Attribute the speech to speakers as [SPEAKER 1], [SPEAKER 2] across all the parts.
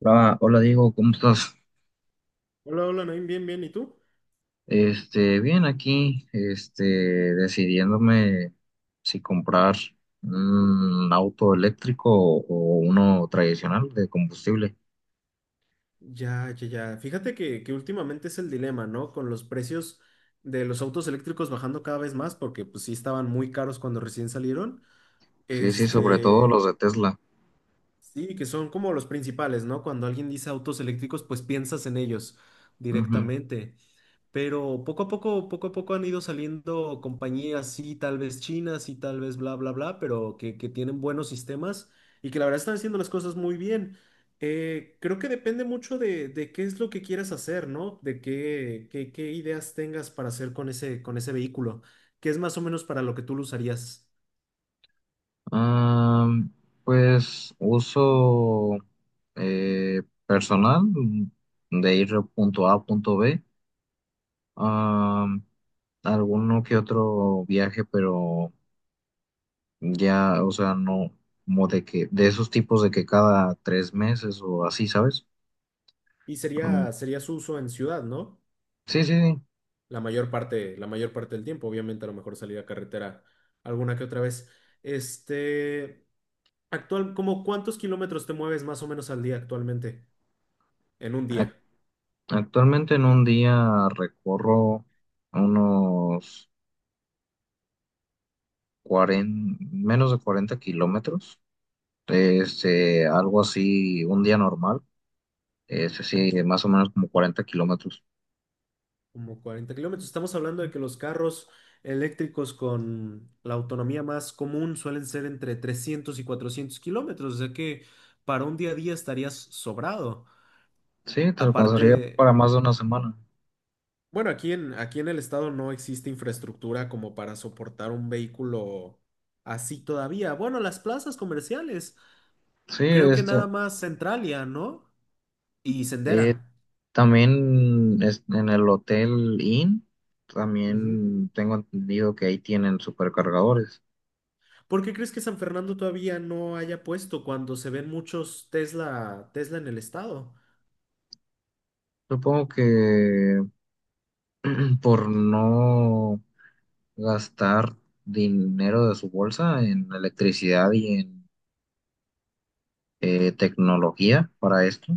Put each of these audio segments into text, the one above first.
[SPEAKER 1] Hola, hola Diego, ¿cómo estás?
[SPEAKER 2] Hola, hola, Naim, bien, bien, ¿y tú?
[SPEAKER 1] Bien aquí, decidiéndome si comprar un auto eléctrico o uno tradicional de combustible.
[SPEAKER 2] Ya, ya, ya. Fíjate que últimamente es el dilema, ¿no? Con los precios de los autos eléctricos bajando cada vez más, porque pues sí estaban muy caros cuando recién salieron.
[SPEAKER 1] Sí, sí, sobre todo los
[SPEAKER 2] Este,
[SPEAKER 1] de Tesla.
[SPEAKER 2] sí, que son como los principales, ¿no? Cuando alguien dice autos eléctricos, pues piensas en ellos
[SPEAKER 1] Ujú.
[SPEAKER 2] directamente. Pero poco a poco han ido saliendo compañías, sí, tal vez chinas y tal vez bla, bla, bla, pero que tienen buenos sistemas y que la verdad están haciendo las cosas muy bien. Creo que depende mucho de qué es lo que quieras hacer, ¿no? De qué, qué, qué ideas tengas para hacer con ese vehículo, que es más o menos para lo que tú lo usarías.
[SPEAKER 1] Ah, pues uso personal, de ir de punto A a punto B. Ah, alguno que otro viaje, pero ya, o sea, no, como de que, de esos tipos de que cada tres meses o así, ¿sabes?
[SPEAKER 2] Y
[SPEAKER 1] Mm,
[SPEAKER 2] sería, sería su uso en ciudad, ¿no?
[SPEAKER 1] sí, sí, sí.
[SPEAKER 2] La mayor parte del tiempo, obviamente a lo mejor salir a carretera alguna que otra vez. Este. Actual, ¿cómo cuántos kilómetros te mueves más o menos al día actualmente? En un
[SPEAKER 1] Ac-
[SPEAKER 2] día,
[SPEAKER 1] actualmente en un día recorro unos 40, menos de 40 kilómetros. Algo así, un día normal. Sí, más o menos como 40 kilómetros.
[SPEAKER 2] como 40 kilómetros. Estamos hablando de que los carros eléctricos con la autonomía más común suelen ser entre 300 y 400 kilómetros, o sea que para un día a día estarías sobrado.
[SPEAKER 1] Sí, te alcanzaría
[SPEAKER 2] Aparte,
[SPEAKER 1] para más de una semana.
[SPEAKER 2] bueno, aquí en el estado no existe infraestructura como para soportar un vehículo así todavía. Bueno, las plazas comerciales,
[SPEAKER 1] Sí.
[SPEAKER 2] creo que nada más Centralia, ¿no? Y
[SPEAKER 1] Eh,
[SPEAKER 2] Sendera.
[SPEAKER 1] también en el Hotel Inn,
[SPEAKER 2] Ujú.
[SPEAKER 1] también tengo entendido que ahí tienen supercargadores.
[SPEAKER 2] ¿Por qué crees que San Fernando todavía no haya puesto cuando se ven muchos Tesla en el estado?
[SPEAKER 1] Supongo que por no gastar dinero de su bolsa en electricidad y en tecnología para esto.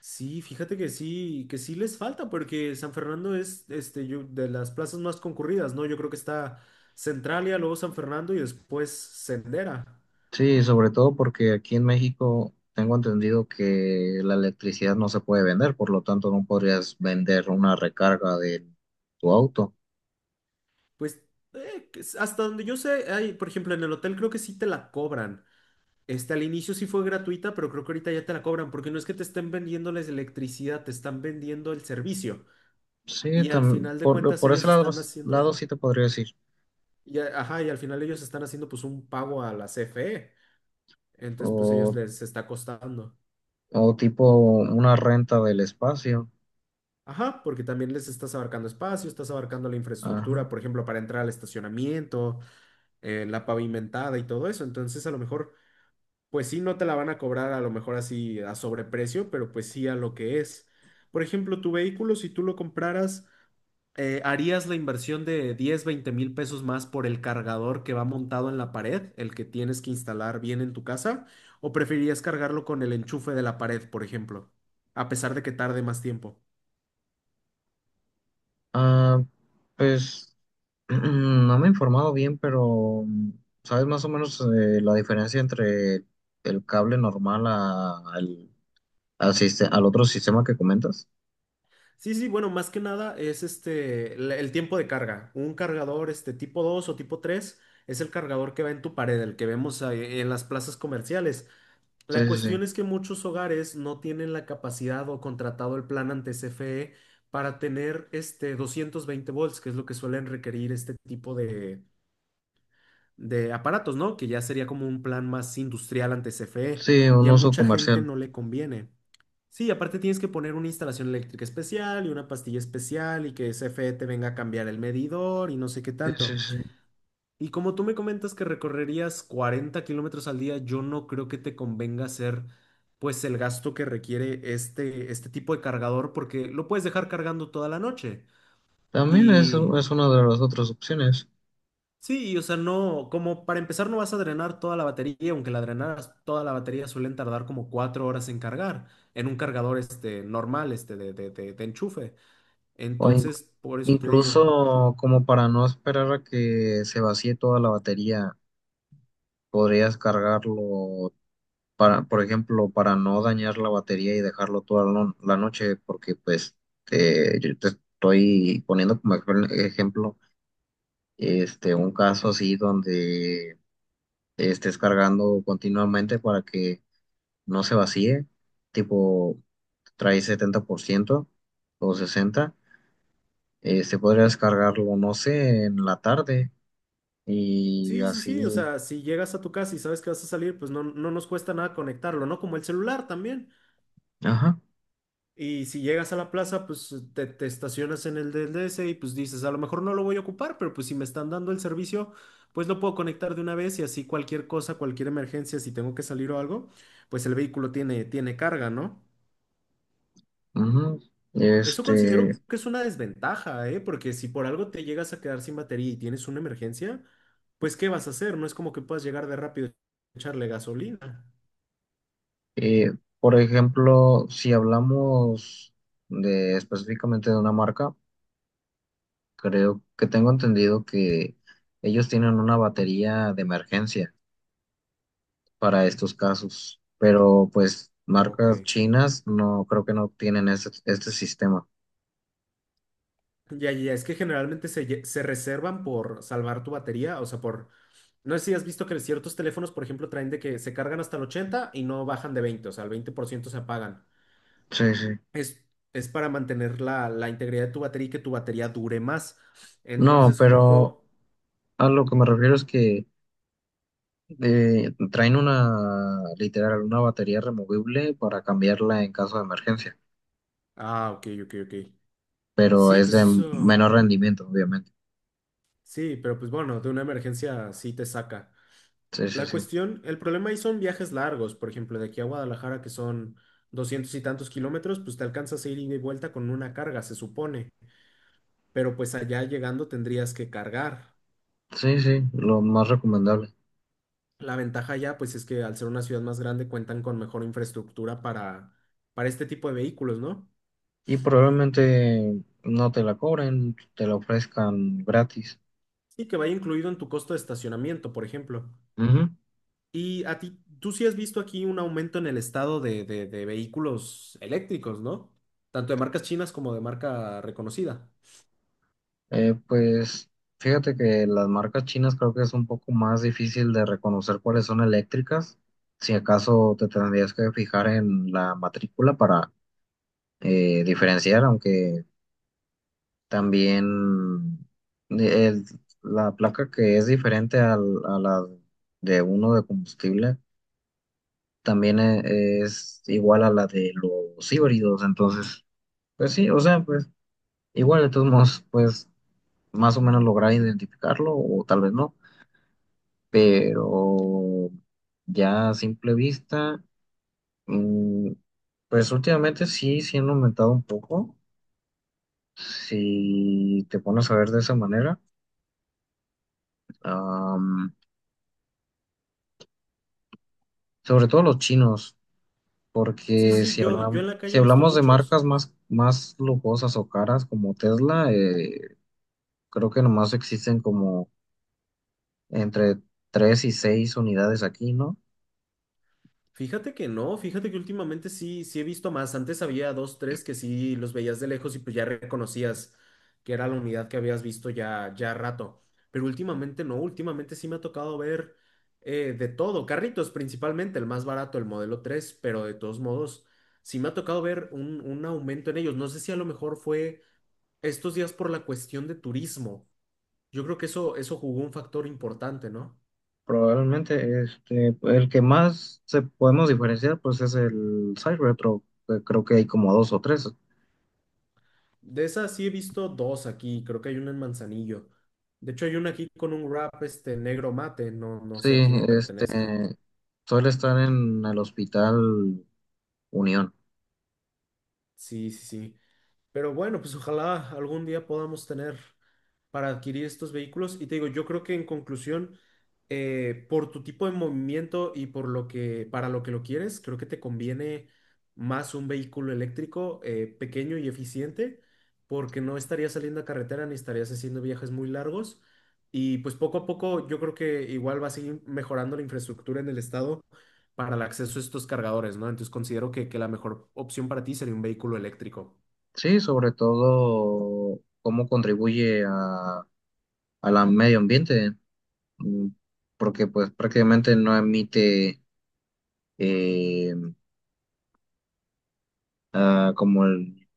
[SPEAKER 2] Sí, fíjate que sí les falta, porque San Fernando es este, de las plazas más concurridas, ¿no? Yo creo que está Centralia, luego San Fernando y después Sendera.
[SPEAKER 1] Sí, sobre todo porque aquí en México tengo entendido que la electricidad no se puede vender, por lo tanto no podrías vender una recarga de tu auto.
[SPEAKER 2] Pues hasta donde yo sé, hay, por ejemplo, en el hotel creo que sí te la cobran. Este, al inicio sí fue gratuita, pero creo que ahorita ya te la cobran, porque no es que te estén vendiendo la electricidad, te están vendiendo el servicio.
[SPEAKER 1] Sí,
[SPEAKER 2] Y al final de
[SPEAKER 1] por,
[SPEAKER 2] cuentas
[SPEAKER 1] por ese
[SPEAKER 2] ellos
[SPEAKER 1] lado,
[SPEAKER 2] están
[SPEAKER 1] lado
[SPEAKER 2] haciendo,
[SPEAKER 1] sí te podría decir.
[SPEAKER 2] y, a- ajá, Y al final ellos están haciendo pues un pago a la CFE. Entonces pues
[SPEAKER 1] O,
[SPEAKER 2] ellos les está costando.
[SPEAKER 1] o tipo una renta del espacio.
[SPEAKER 2] Ajá, porque también les estás abarcando espacio, estás abarcando la infraestructura,
[SPEAKER 1] Ajá.
[SPEAKER 2] por ejemplo, para entrar al estacionamiento, la pavimentada y todo eso. Entonces a lo mejor, pues sí, no te la van a cobrar a lo mejor así a sobreprecio, pero pues sí a lo que es. Por ejemplo, tu vehículo, si tú lo compraras... ¿harías la inversión de 10, 20 mil pesos más por el cargador que va montado en la pared, el que tienes que instalar bien en tu casa? ¿O preferirías cargarlo con el enchufe de la pared, por ejemplo? A pesar de que tarde más tiempo.
[SPEAKER 1] Ah, pues no me he informado bien, pero ¿sabes más o menos la diferencia entre el cable normal al al otro sistema que comentas?
[SPEAKER 2] Sí, sí, bueno, más que nada es este, el tiempo de carga. Un cargador este, tipo 2 o tipo 3, es el cargador que va en tu pared, el que vemos ahí en las plazas comerciales.
[SPEAKER 1] Sí,
[SPEAKER 2] La
[SPEAKER 1] sí,
[SPEAKER 2] cuestión
[SPEAKER 1] sí.
[SPEAKER 2] es que muchos hogares no tienen la capacidad o contratado el plan ante CFE para tener este 220 volts, que es lo que suelen requerir este tipo de aparatos, ¿no? Que ya sería como un plan más industrial ante CFE
[SPEAKER 1] Sí,
[SPEAKER 2] y
[SPEAKER 1] un
[SPEAKER 2] a
[SPEAKER 1] uso
[SPEAKER 2] mucha gente
[SPEAKER 1] comercial.
[SPEAKER 2] no le conviene. Sí, aparte tienes que poner una instalación eléctrica especial y una pastilla especial y que CFE te venga a cambiar el medidor y no sé qué
[SPEAKER 1] Sí,
[SPEAKER 2] tanto.
[SPEAKER 1] sí, sí.
[SPEAKER 2] Y como tú me comentas que recorrerías 40 kilómetros al día, yo no creo que te convenga hacer pues el gasto que requiere este, este tipo de cargador porque lo puedes dejar cargando toda la noche.
[SPEAKER 1] También es,
[SPEAKER 2] Y
[SPEAKER 1] es una de las otras opciones.
[SPEAKER 2] Como para empezar no vas a drenar toda la batería, aunque la drenaras toda la batería suelen tardar como 4 horas en cargar en un cargador este normal, este de enchufe.
[SPEAKER 1] O, in-
[SPEAKER 2] Entonces, por eso te digo.
[SPEAKER 1] Incluso, como para no esperar a que se vacíe toda la batería, podrías cargarlo, para, por ejemplo, para no dañar la batería, y dejarlo toda la la noche, porque pues yo te estoy poniendo como ejemplo un caso así donde estés cargando continuamente para que no se vacíe, tipo trae 70% o 60, podrías cargarlo, no sé, en la tarde y
[SPEAKER 2] Sí, sí, sí, o
[SPEAKER 1] así,
[SPEAKER 2] sea, si llegas a tu casa y sabes que vas a salir, pues no, no nos cuesta nada conectarlo, ¿no? Como el celular también.
[SPEAKER 1] ajá,
[SPEAKER 2] Y si llegas a la plaza, pues te estacionas en el del DS y pues dices, a lo mejor no lo voy a ocupar, pero pues si me están dando el servicio, pues lo puedo conectar de una vez y así cualquier cosa, cualquier emergencia, si tengo que salir o algo, pues el vehículo tiene carga, ¿no?
[SPEAKER 1] ujú.
[SPEAKER 2] Eso considero
[SPEAKER 1] Este,
[SPEAKER 2] que es una desventaja, ¿eh? Porque si por algo te llegas a quedar sin batería y tienes una emergencia, pues ¿qué vas a hacer? No es como que puedas llegar de rápido y echarle gasolina.
[SPEAKER 1] eh, por ejemplo, si hablamos de específicamente de una marca, creo que tengo entendido que ellos tienen una batería de emergencia para estos casos, pero pues
[SPEAKER 2] Ok.
[SPEAKER 1] marcas chinas no creo, que no tienen este sistema.
[SPEAKER 2] Ya, ya, ya, es que se reservan por salvar tu batería, o sea, por... No sé si has visto que ciertos teléfonos, por ejemplo, traen de que se cargan hasta el 80 y no bajan de 20, o sea, el 20% se apagan.
[SPEAKER 1] Sí, sí.
[SPEAKER 2] Es, es para mantener la integridad de tu batería y que tu batería dure más.
[SPEAKER 1] No,
[SPEAKER 2] Entonces,
[SPEAKER 1] pero
[SPEAKER 2] supongo...
[SPEAKER 1] a lo que me refiero es que traen una, literal, una batería removible para cambiarla en caso de emergencia,
[SPEAKER 2] Ah, ok, ok, ok.
[SPEAKER 1] pero
[SPEAKER 2] Sí,
[SPEAKER 1] es
[SPEAKER 2] pues
[SPEAKER 1] de
[SPEAKER 2] eso...
[SPEAKER 1] menor rendimiento, obviamente.
[SPEAKER 2] Sí, pero pues bueno, de una emergencia sí te saca.
[SPEAKER 1] Sí, sí,
[SPEAKER 2] La
[SPEAKER 1] sí.
[SPEAKER 2] cuestión, el problema ahí son viajes largos, por ejemplo, de aquí a Guadalajara, que son 200 y tantos kilómetros, pues te alcanzas a ir ida y vuelta con una carga, se supone, pero pues allá llegando tendrías que cargar.
[SPEAKER 1] Sí, sí, lo más recomendable.
[SPEAKER 2] La ventaja allá, pues es que al ser una ciudad más grande cuentan con mejor infraestructura para este tipo de vehículos, ¿no?
[SPEAKER 1] Y probablemente no te la cobren, te la ofrezcan gratis.
[SPEAKER 2] Y que vaya incluido en tu costo de estacionamiento, por ejemplo.
[SPEAKER 1] Ujú.
[SPEAKER 2] Y a ti, tú sí has visto aquí un aumento en el estado de vehículos eléctricos, ¿no? Tanto de marcas chinas como de marca reconocida.
[SPEAKER 1] Pues fíjate que las marcas chinas, creo que es un poco más difícil de reconocer cuáles son eléctricas. Si acaso te tendrías que fijar en la matrícula para diferenciar, aunque también eh, el- la placa, que es diferente a la de uno de combustible, también es igual a la de los híbridos. Entonces, pues sí, o sea, pues igual, de todos modos, pues más o menos lograr identificarlo o tal vez no, pero ya, a simple vista, mm, pues últimamente sí han aumentado un poco, si te pones a ver de esa manera. Sobre todo los chinos,
[SPEAKER 2] Sí,
[SPEAKER 1] porque
[SPEAKER 2] sí,
[SPEAKER 1] si
[SPEAKER 2] yo en
[SPEAKER 1] hablamos,
[SPEAKER 2] la
[SPEAKER 1] si
[SPEAKER 2] calle he visto
[SPEAKER 1] hablamos de
[SPEAKER 2] muchos.
[SPEAKER 1] marcas más lujosas o caras como Tesla, creo que nomás existen como entre tres y seis unidades aquí, ¿no?
[SPEAKER 2] Fíjate que no, fíjate que últimamente sí, sí he visto más. Antes había dos, tres que sí los veías de lejos y pues ya reconocías que era la unidad que habías visto ya, ya rato. Pero últimamente no, últimamente sí me ha tocado ver de todo. Carritos principalmente, el más barato, el modelo 3. Pero de todos modos sí me ha tocado ver un aumento en ellos. No sé si a lo mejor fue estos días por la cuestión de turismo. Yo creo que eso jugó un factor importante, ¿no?
[SPEAKER 1] Probablemente el que más se podemos diferenciar pues es el Cybertruck, que creo que hay como dos o tres.
[SPEAKER 2] De esas sí he visto dos aquí, creo que hay una en Manzanillo. De hecho, hay una aquí con un wrap este negro mate, no, no
[SPEAKER 1] Sí,
[SPEAKER 2] sé a quién le pertenezca.
[SPEAKER 1] este suele estar en el Hospital Unión.
[SPEAKER 2] Sí, sí, sí. Pero bueno, pues ojalá algún día podamos tener para adquirir estos vehículos. Y te digo, yo creo que en conclusión, por tu tipo de movimiento y por lo que, para lo que lo quieres, creo que te conviene más un vehículo eléctrico pequeño y eficiente, porque no estarías saliendo a carretera ni estarías haciendo viajes muy largos. Y pues poco a poco yo creo que igual va a seguir mejorando la infraestructura en el estado para el acceso a estos cargadores, ¿no? Entonces considero que la mejor opción para ti sería un vehículo eléctrico.
[SPEAKER 1] Sí, sobre todo cómo contribuye a la medio ambiente, mm, porque pues prácticamente no emite eh, como el,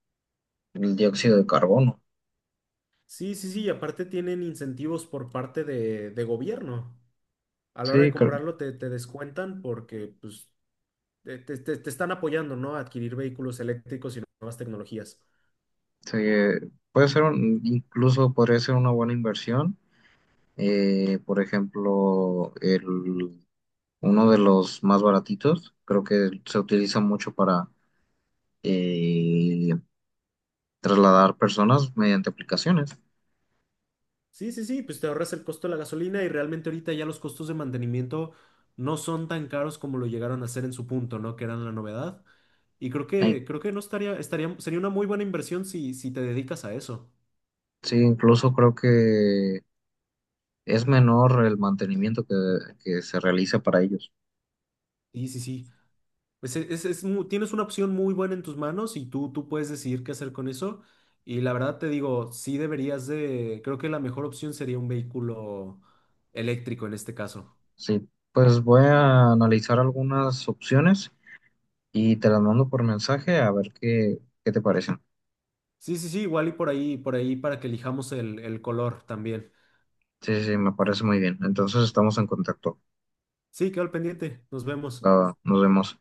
[SPEAKER 1] el dióxido de carbono.
[SPEAKER 2] Sí, sí, sí, y aparte tienen incentivos por parte de gobierno. A la hora de
[SPEAKER 1] Sí,
[SPEAKER 2] comprarlo te, te descuentan porque pues, te están apoyando, ¿no? A adquirir vehículos eléctricos y nuevas tecnologías.
[SPEAKER 1] sí, puede ser incluso podría ser una buena inversión. Por ejemplo, uno de los más baratitos, creo que se utiliza mucho para eh, trasladar personas mediante aplicaciones.
[SPEAKER 2] Sí, sí, sí, pues te ahorras el costo de la gasolina y realmente ahorita ya los costos de mantenimiento no son tan caros como lo llegaron a ser en su punto, ¿no? Que eran la novedad. Y creo
[SPEAKER 1] Ay,
[SPEAKER 2] creo que no estaría, estaría, sería una muy buena inversión si, si te dedicas a eso.
[SPEAKER 1] sí, incluso creo que es menor el mantenimiento que se realiza para ellos.
[SPEAKER 2] Sí, sí, sí. Pues tienes una opción muy buena en tus manos y tú puedes decidir qué hacer con eso. Y la verdad te digo, sí deberías de, creo que la mejor opción sería un vehículo eléctrico en este caso.
[SPEAKER 1] Sí, pues voy a analizar algunas opciones y te las mando por mensaje a ver qué te parecen.
[SPEAKER 2] Sí, sí, sí, igual y por ahí para que elijamos el color también.
[SPEAKER 1] Sí, sí, sí, me parece muy bien. Entonces estamos en contacto.
[SPEAKER 2] Sí, quedo al pendiente. Nos vemos.
[SPEAKER 1] Ah, nos vemos.